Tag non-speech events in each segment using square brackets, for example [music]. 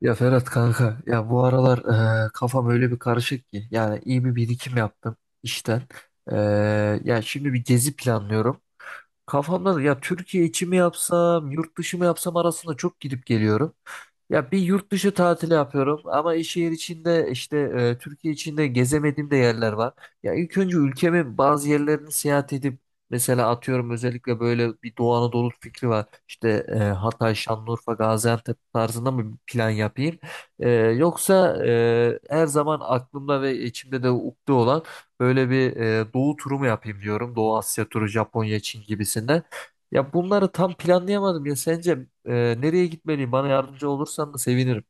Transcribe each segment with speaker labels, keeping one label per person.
Speaker 1: Ya Ferhat kanka ya bu aralar kafam öyle bir karışık ki yani iyi bir birikim yaptım işten. Ya şimdi bir gezi planlıyorum. Kafamda da ya Türkiye içi mi yapsam yurt dışı mı yapsam arasında çok gidip geliyorum. Ya bir yurt dışı tatili yapıyorum ama şehir içinde işte Türkiye içinde gezemediğim de yerler var. Ya ilk önce ülkemin bazı yerlerini seyahat edip mesela atıyorum özellikle böyle bir Doğu Anadolu fikri var. İşte Hatay, Şanlıurfa, Gaziantep tarzında mı bir plan yapayım? Yoksa her zaman aklımda ve içimde de ukde olan böyle bir Doğu turu mu yapayım diyorum. Doğu Asya turu, Japonya, Çin gibisinden. Ya bunları tam planlayamadım ya sence e, nereye gitmeliyim? Bana yardımcı olursan da sevinirim.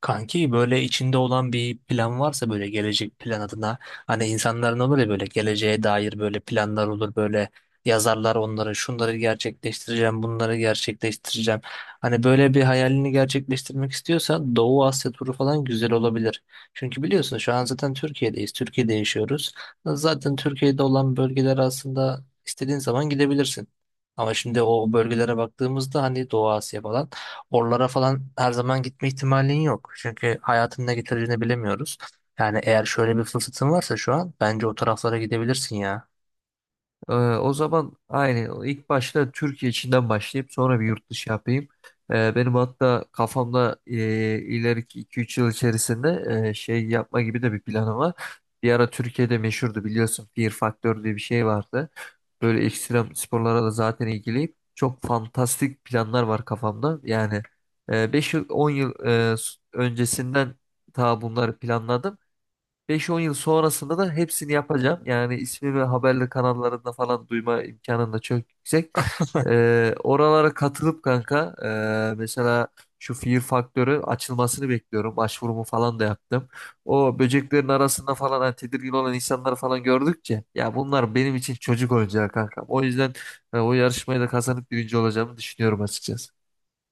Speaker 2: Kanki böyle içinde olan bir plan varsa böyle gelecek plan adına hani insanların olur ya böyle geleceğe dair böyle planlar olur böyle yazarlar onları şunları gerçekleştireceğim bunları gerçekleştireceğim. Hani böyle bir hayalini gerçekleştirmek istiyorsan Doğu Asya turu falan güzel olabilir. Çünkü biliyorsun şu an zaten Türkiye'deyiz, Türkiye'de yaşıyoruz. Zaten Türkiye'de olan bölgeler aslında istediğin zaman gidebilirsin. Ama şimdi o bölgelere baktığımızda hani Doğu Asya falan sporlara falan her zaman gitme ihtimalin yok. Çünkü hayatın ne getireceğini bilemiyoruz. Yani eğer şöyle bir fırsatın varsa şu an bence o taraflara gidebilirsin ya.
Speaker 1: O zaman aynı ilk başta Türkiye içinden başlayıp sonra bir yurt dışı yapayım. Benim hatta kafamda ileriki iki üç yıl içerisinde şey yapma gibi de bir planım var. Bir ara Türkiye'de meşhurdu biliyorsun Fear Factor diye bir şey vardı. Böyle ekstrem sporlara da zaten ilgiliyim. Çok fantastik planlar var kafamda. Yani 5 yıl 10 yıl e, öncesinden ta bunları planladım. Beş on yıl sonrasında da hepsini yapacağım. Yani ismimi haberli kanallarında falan duyma imkanım da çok yüksek. Oralara katılıp kanka mesela şu Fear Faktörü açılmasını bekliyorum. Başvurumu falan da yaptım. O böceklerin arasında falan hani tedirgin olan insanları falan gördükçe ya bunlar benim için çocuk oyuncağı kanka. O yüzden o yarışmayı da kazanıp birinci olacağımı düşünüyorum açıkçası.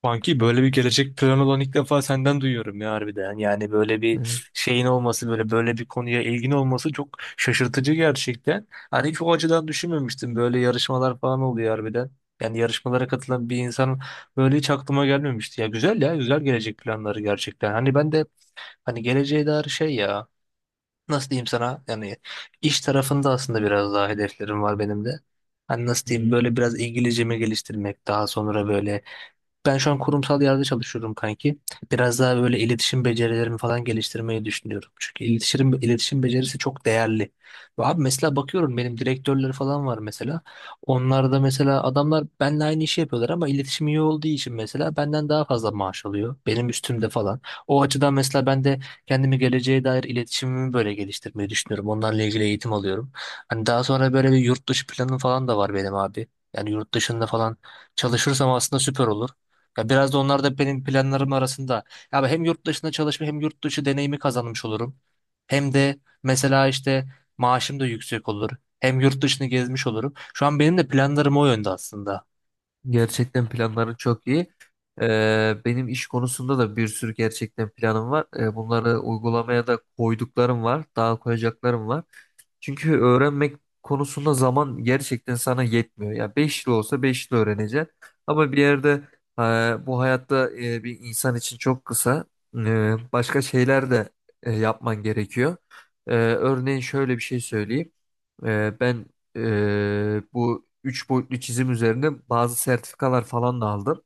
Speaker 2: Kanki böyle bir gelecek planı olan ilk defa senden duyuyorum ya harbiden. Yani böyle bir
Speaker 1: Evet.
Speaker 2: şeyin olması, böyle bir konuya ilgin olması çok şaşırtıcı gerçekten. Hani hiç o açıdan düşünmemiştim. Böyle yarışmalar falan oluyor harbiden. Yani yarışmalara katılan bir insan böyle hiç aklıma gelmemişti. Ya güzel ya, güzel gelecek planları gerçekten. Hani ben de hani geleceğe dair şey ya, nasıl diyeyim sana yani, iş tarafında aslında biraz daha hedeflerim var benim de. Hani nasıl diyeyim,
Speaker 1: Hmm.
Speaker 2: böyle biraz İngilizcemi geliştirmek, daha sonra böyle ben şu an kurumsal yerde çalışıyorum kanki. Biraz daha böyle iletişim becerilerimi falan geliştirmeyi düşünüyorum. Çünkü iletişim becerisi çok değerli. Ve abi mesela bakıyorum benim direktörler falan var mesela. Onlar da mesela adamlar benimle aynı işi yapıyorlar ama iletişim iyi olduğu için mesela benden daha fazla maaş alıyor. Benim üstümde falan. O açıdan mesela ben de kendimi geleceğe dair iletişimimi böyle geliştirmeyi düşünüyorum. Onlarla ilgili eğitim alıyorum. Hani daha sonra böyle bir yurt dışı planım falan da var benim abi. Yani yurt dışında falan çalışırsam aslında süper olur. Ya biraz da onlar da benim planlarım arasında. Ya hem yurt dışında çalışma hem yurt dışı deneyimi kazanmış olurum. Hem de mesela işte maaşım da yüksek olur. Hem yurt dışını gezmiş olurum. Şu an benim de planlarım o yönde aslında.
Speaker 1: Gerçekten planların çok iyi. Benim iş konusunda da bir sürü gerçekten planım var. Bunları uygulamaya da koyduklarım var. Daha koyacaklarım var. Çünkü öğrenmek konusunda zaman gerçekten sana yetmiyor. Ya 5 yıl olsa 5 yıl öğreneceksin. Ama bir yerde bu hayatta bir insan için çok kısa. Başka şeyler de yapman gerekiyor. Örneğin şöyle bir şey söyleyeyim. Ben bu üç boyutlu çizim üzerine bazı sertifikalar falan da aldım.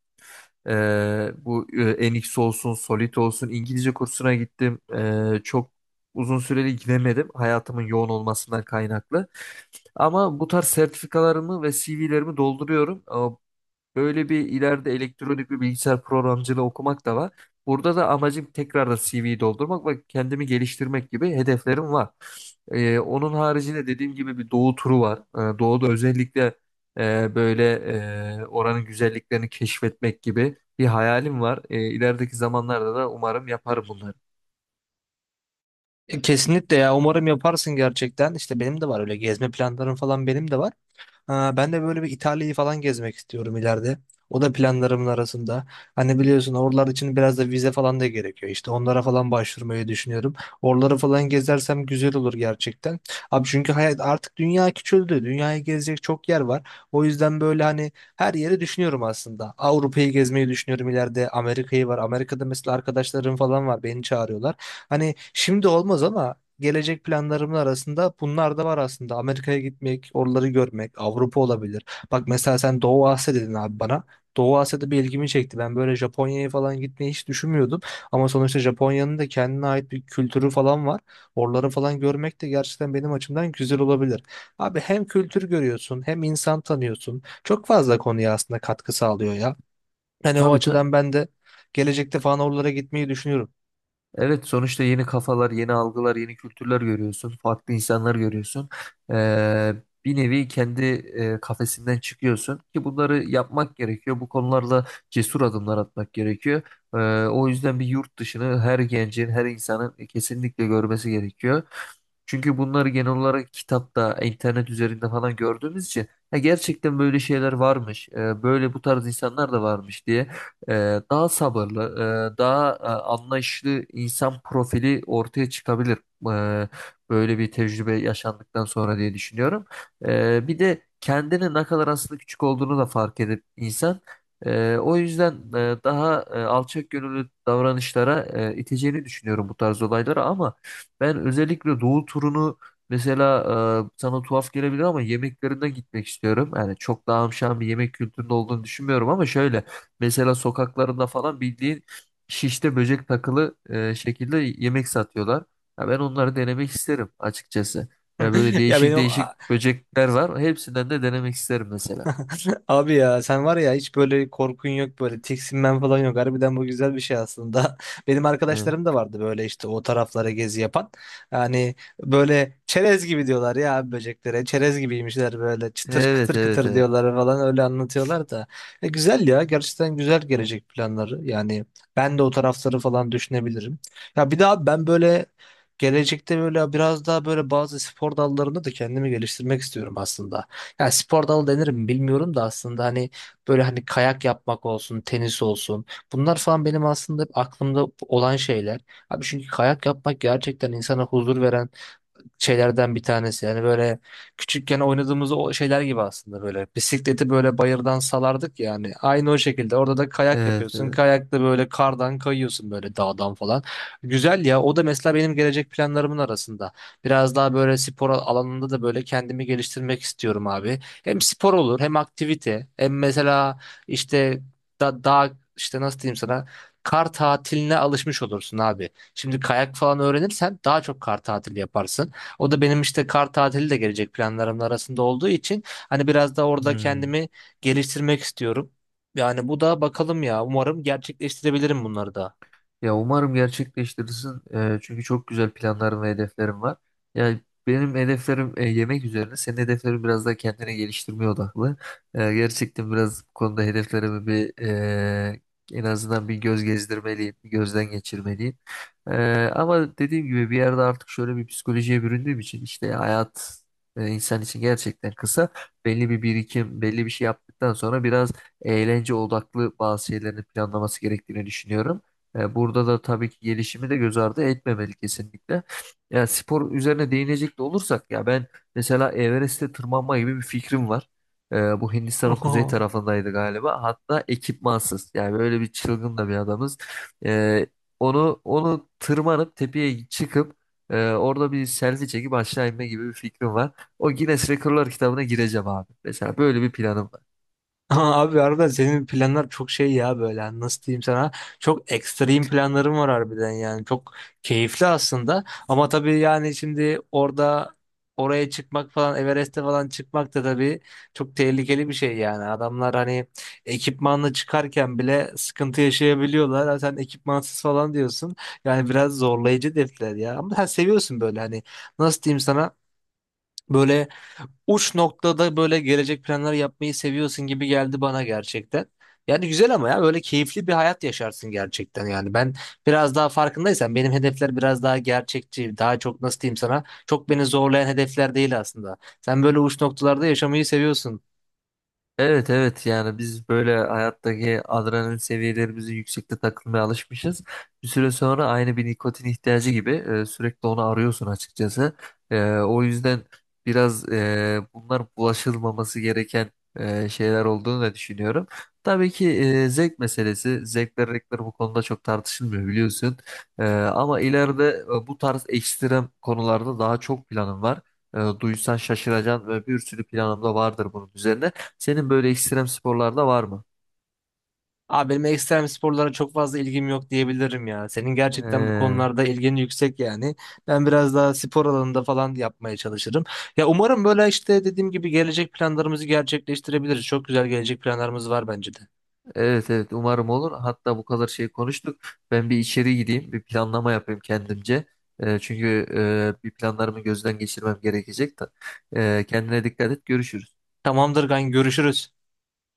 Speaker 1: Bu NX olsun, Solid olsun İngilizce kursuna gittim. Çok uzun süreli gidemedim hayatımın yoğun olmasından kaynaklı. Ama bu tarz sertifikalarımı ve CV'lerimi dolduruyorum. Böyle bir ileride elektronik bir bilgisayar programcılığı okumak da var. Burada da amacım tekrar da CV'yi doldurmak ve kendimi geliştirmek gibi hedeflerim var. Onun haricinde dediğim gibi bir doğu turu var. Doğuda özellikle böyle oranın güzelliklerini keşfetmek gibi bir hayalim var. İlerideki zamanlarda da umarım yaparım bunları.
Speaker 2: Kesinlikle ya, umarım yaparsın gerçekten. İşte benim de var öyle gezme planlarım, falan benim de var. Ha, ben de böyle bir İtalya'yı falan gezmek istiyorum ileride. O da planlarımın arasında. Hani biliyorsun oralar için biraz da vize falan da gerekiyor. İşte onlara falan başvurmayı düşünüyorum. Oraları falan gezersem güzel olur gerçekten. Abi çünkü hayat artık, dünya küçüldü. Dünyayı gezecek çok yer var. O yüzden böyle hani her yeri düşünüyorum aslında. Avrupa'yı gezmeyi düşünüyorum ileride. Amerika'yı var. Amerika'da mesela arkadaşlarım falan var. Beni çağırıyorlar. Hani şimdi olmaz ama gelecek planlarımın arasında bunlar da var aslında. Amerika'ya gitmek, oraları görmek, Avrupa olabilir. Bak mesela sen Doğu Asya dedin abi bana. Doğu Asya'da bir ilgimi çekti. Ben böyle Japonya'ya falan gitmeyi hiç düşünmüyordum. Ama sonuçta Japonya'nın da kendine ait bir kültürü falan var. Oraları falan görmek de gerçekten benim açımdan güzel olabilir. Abi hem kültür görüyorsun, hem insan tanıyorsun. Çok fazla konuya aslında katkı sağlıyor ya. Yani o
Speaker 1: Tabii, tabii.
Speaker 2: açıdan ben de gelecekte falan oralara gitmeyi düşünüyorum.
Speaker 1: Evet, sonuçta yeni kafalar, yeni algılar, yeni kültürler görüyorsun. Farklı insanlar görüyorsun. Ee, Bir nevi kendi kafesinden çıkıyorsun ki bunları yapmak gerekiyor. Bu konularda cesur adımlar atmak gerekiyor. Ee, O yüzden bir yurt dışını her gencin, her insanın kesinlikle görmesi gerekiyor. Çünkü bunları genel olarak kitapta, internet üzerinde falan gördüğümüz için "Ha, gerçekten böyle şeyler varmış, böyle bu tarz insanlar da varmış" diye daha sabırlı, daha anlayışlı insan profili ortaya çıkabilir. e, Böyle bir tecrübe yaşandıktan sonra diye düşünüyorum. Bir de kendini ne kadar aslında küçük olduğunu da fark edip insan o yüzden daha alçak gönüllü davranışlara iteceğini düşünüyorum bu tarz olaylara. Ama ben özellikle Doğu turunu, mesela, sana tuhaf gelebilir ama yemeklerine gitmek istiyorum. Yani çok daha amşan bir yemek kültüründe olduğunu düşünmüyorum, ama şöyle: mesela sokaklarında falan bildiğin şişte böcek takılı şekilde yemek satıyorlar. Ya ben onları denemek isterim açıkçası. Ya böyle
Speaker 2: [laughs] Ya
Speaker 1: değişik
Speaker 2: benim
Speaker 1: değişik böcekler var. Hepsinden de denemek isterim mesela.
Speaker 2: [laughs] abi ya sen var ya, hiç böyle korkun yok, böyle tiksinmen falan yok. Harbiden bu güzel bir şey aslında. [laughs] Benim arkadaşlarım da vardı böyle işte o taraflara gezi yapan. Yani böyle çerez gibi diyorlar ya abi böceklere. Çerez gibiymişler, böyle çıtır
Speaker 1: Evet, evet,
Speaker 2: kıtır
Speaker 1: evet.
Speaker 2: kıtır
Speaker 1: Evet,
Speaker 2: diyorlar falan, öyle anlatıyorlar da. Güzel ya, gerçekten güzel gelecek planları. Yani ben de o tarafları falan düşünebilirim. Ya bir daha ben böyle gelecekte böyle biraz daha böyle bazı spor dallarında da kendimi geliştirmek istiyorum aslında. Ya spor dalı denir mi bilmiyorum da aslında hani böyle hani kayak yapmak olsun, tenis olsun. Bunlar falan benim aslında hep aklımda olan şeyler. Abi çünkü kayak yapmak gerçekten insana huzur veren şeylerden bir tanesi. Yani böyle küçükken oynadığımız o şeyler gibi aslında böyle. Bisikleti böyle bayırdan salardık yani. Aynı o şekilde. Orada da kayak
Speaker 1: evet.
Speaker 2: yapıyorsun.
Speaker 1: Evet.
Speaker 2: Kayakta böyle kardan kayıyorsun, böyle dağdan falan. Güzel ya. O da mesela benim gelecek planlarımın arasında. Biraz daha böyle spor alanında da böyle kendimi geliştirmek istiyorum abi. Hem spor olur hem aktivite. Hem mesela işte dağ işte, nasıl diyeyim sana, kar tatiline alışmış olursun abi. Şimdi kayak falan öğrenirsen daha çok kar tatili yaparsın. O da benim işte, kar tatili de gelecek planlarım arasında olduğu için, hani biraz da orada
Speaker 1: Hmm.
Speaker 2: kendimi geliştirmek istiyorum. Yani bu da bakalım ya, umarım gerçekleştirebilirim bunları da.
Speaker 1: Ya umarım gerçekleştirirsin. Çünkü çok güzel planlarım ve hedeflerim var. Yani benim hedeflerim yemek üzerine. Senin hedeflerin biraz daha kendine geliştirmeye odaklı. Gerçekten biraz bu konuda hedeflerimi bir en azından bir göz gezdirmeliyim, bir gözden geçirmeliyim. Ama dediğim gibi bir yerde artık şöyle bir psikolojiye büründüğüm için işte hayat insan için gerçekten kısa. Belli bir birikim, belli bir şey yaptıktan sonra biraz eğlence odaklı bazı şeylerin planlaması gerektiğini düşünüyorum. Burada da tabii ki gelişimi de göz ardı etmemeli kesinlikle. Ya spor üzerine değinecek de olursak ya ben mesela Everest'e tırmanma gibi bir fikrim var. Bu Hindistan'ın kuzey
Speaker 2: [laughs]
Speaker 1: tarafındaydı galiba. Hatta ekipmansız. Yani böyle bir çılgın da bir adamız. E, onu tırmanıp tepeye çıkıp orada bir selfie çekip aşağı inme gibi bir fikrim var. O Guinness Rekorlar kitabına gireceğim abi. Mesela böyle bir planım var.
Speaker 2: Ama abi arada senin planlar çok şey ya, böyle nasıl diyeyim sana, çok ekstrem planlarım var harbiden, yani çok keyifli aslında ama tabii, yani şimdi orada oraya çıkmak falan, Everest'e falan çıkmak da tabii çok tehlikeli bir şey. Yani adamlar hani ekipmanla çıkarken bile sıkıntı yaşayabiliyorlar. Ha sen ekipmansız falan diyorsun, yani biraz zorlayıcı defter ya, ama sen seviyorsun böyle hani, nasıl diyeyim sana, böyle uç noktada böyle gelecek planlar yapmayı seviyorsun gibi geldi bana gerçekten. Yani güzel, ama ya böyle keyifli bir hayat yaşarsın gerçekten yani. Ben biraz daha, farkındaysan, benim hedefler biraz daha gerçekçi, daha çok, nasıl diyeyim sana, çok beni zorlayan hedefler değil aslında. Sen böyle uç noktalarda yaşamayı seviyorsun.
Speaker 1: Evet, evet, yani biz böyle hayattaki adrenalin seviyelerimizi yüksekte takılmaya alışmışız. Bir süre sonra aynı bir nikotin ihtiyacı gibi sürekli onu arıyorsun açıkçası. O yüzden biraz bunlar bulaşılmaması gereken şeyler olduğunu da düşünüyorum. Tabii ki zevk meselesi, zevkler renkler bu konuda çok tartışılmıyor biliyorsun. Ama ileride bu tarz ekstrem konularda daha çok planım var. Duysan şaşıracaksın ve bir sürü planım da vardır bunun üzerine. Senin böyle ekstrem sporlarda var mı?
Speaker 2: Abi benim ekstrem sporlara çok fazla ilgim yok diyebilirim ya. Senin gerçekten bu
Speaker 1: Ee,
Speaker 2: konularda ilgin yüksek yani. Ben biraz daha spor alanında falan yapmaya çalışırım. Ya umarım böyle işte, dediğim gibi, gelecek planlarımızı gerçekleştirebiliriz. Çok güzel gelecek planlarımız var bence de.
Speaker 1: evet, evet, umarım olur. Hatta bu kadar şey konuştuk. Ben bir içeri gideyim, bir planlama yapayım kendimce. Çünkü bir planlarımı gözden geçirmem gerekecek de. Kendine dikkat et. Görüşürüz.
Speaker 2: Tamamdır kanka, görüşürüz.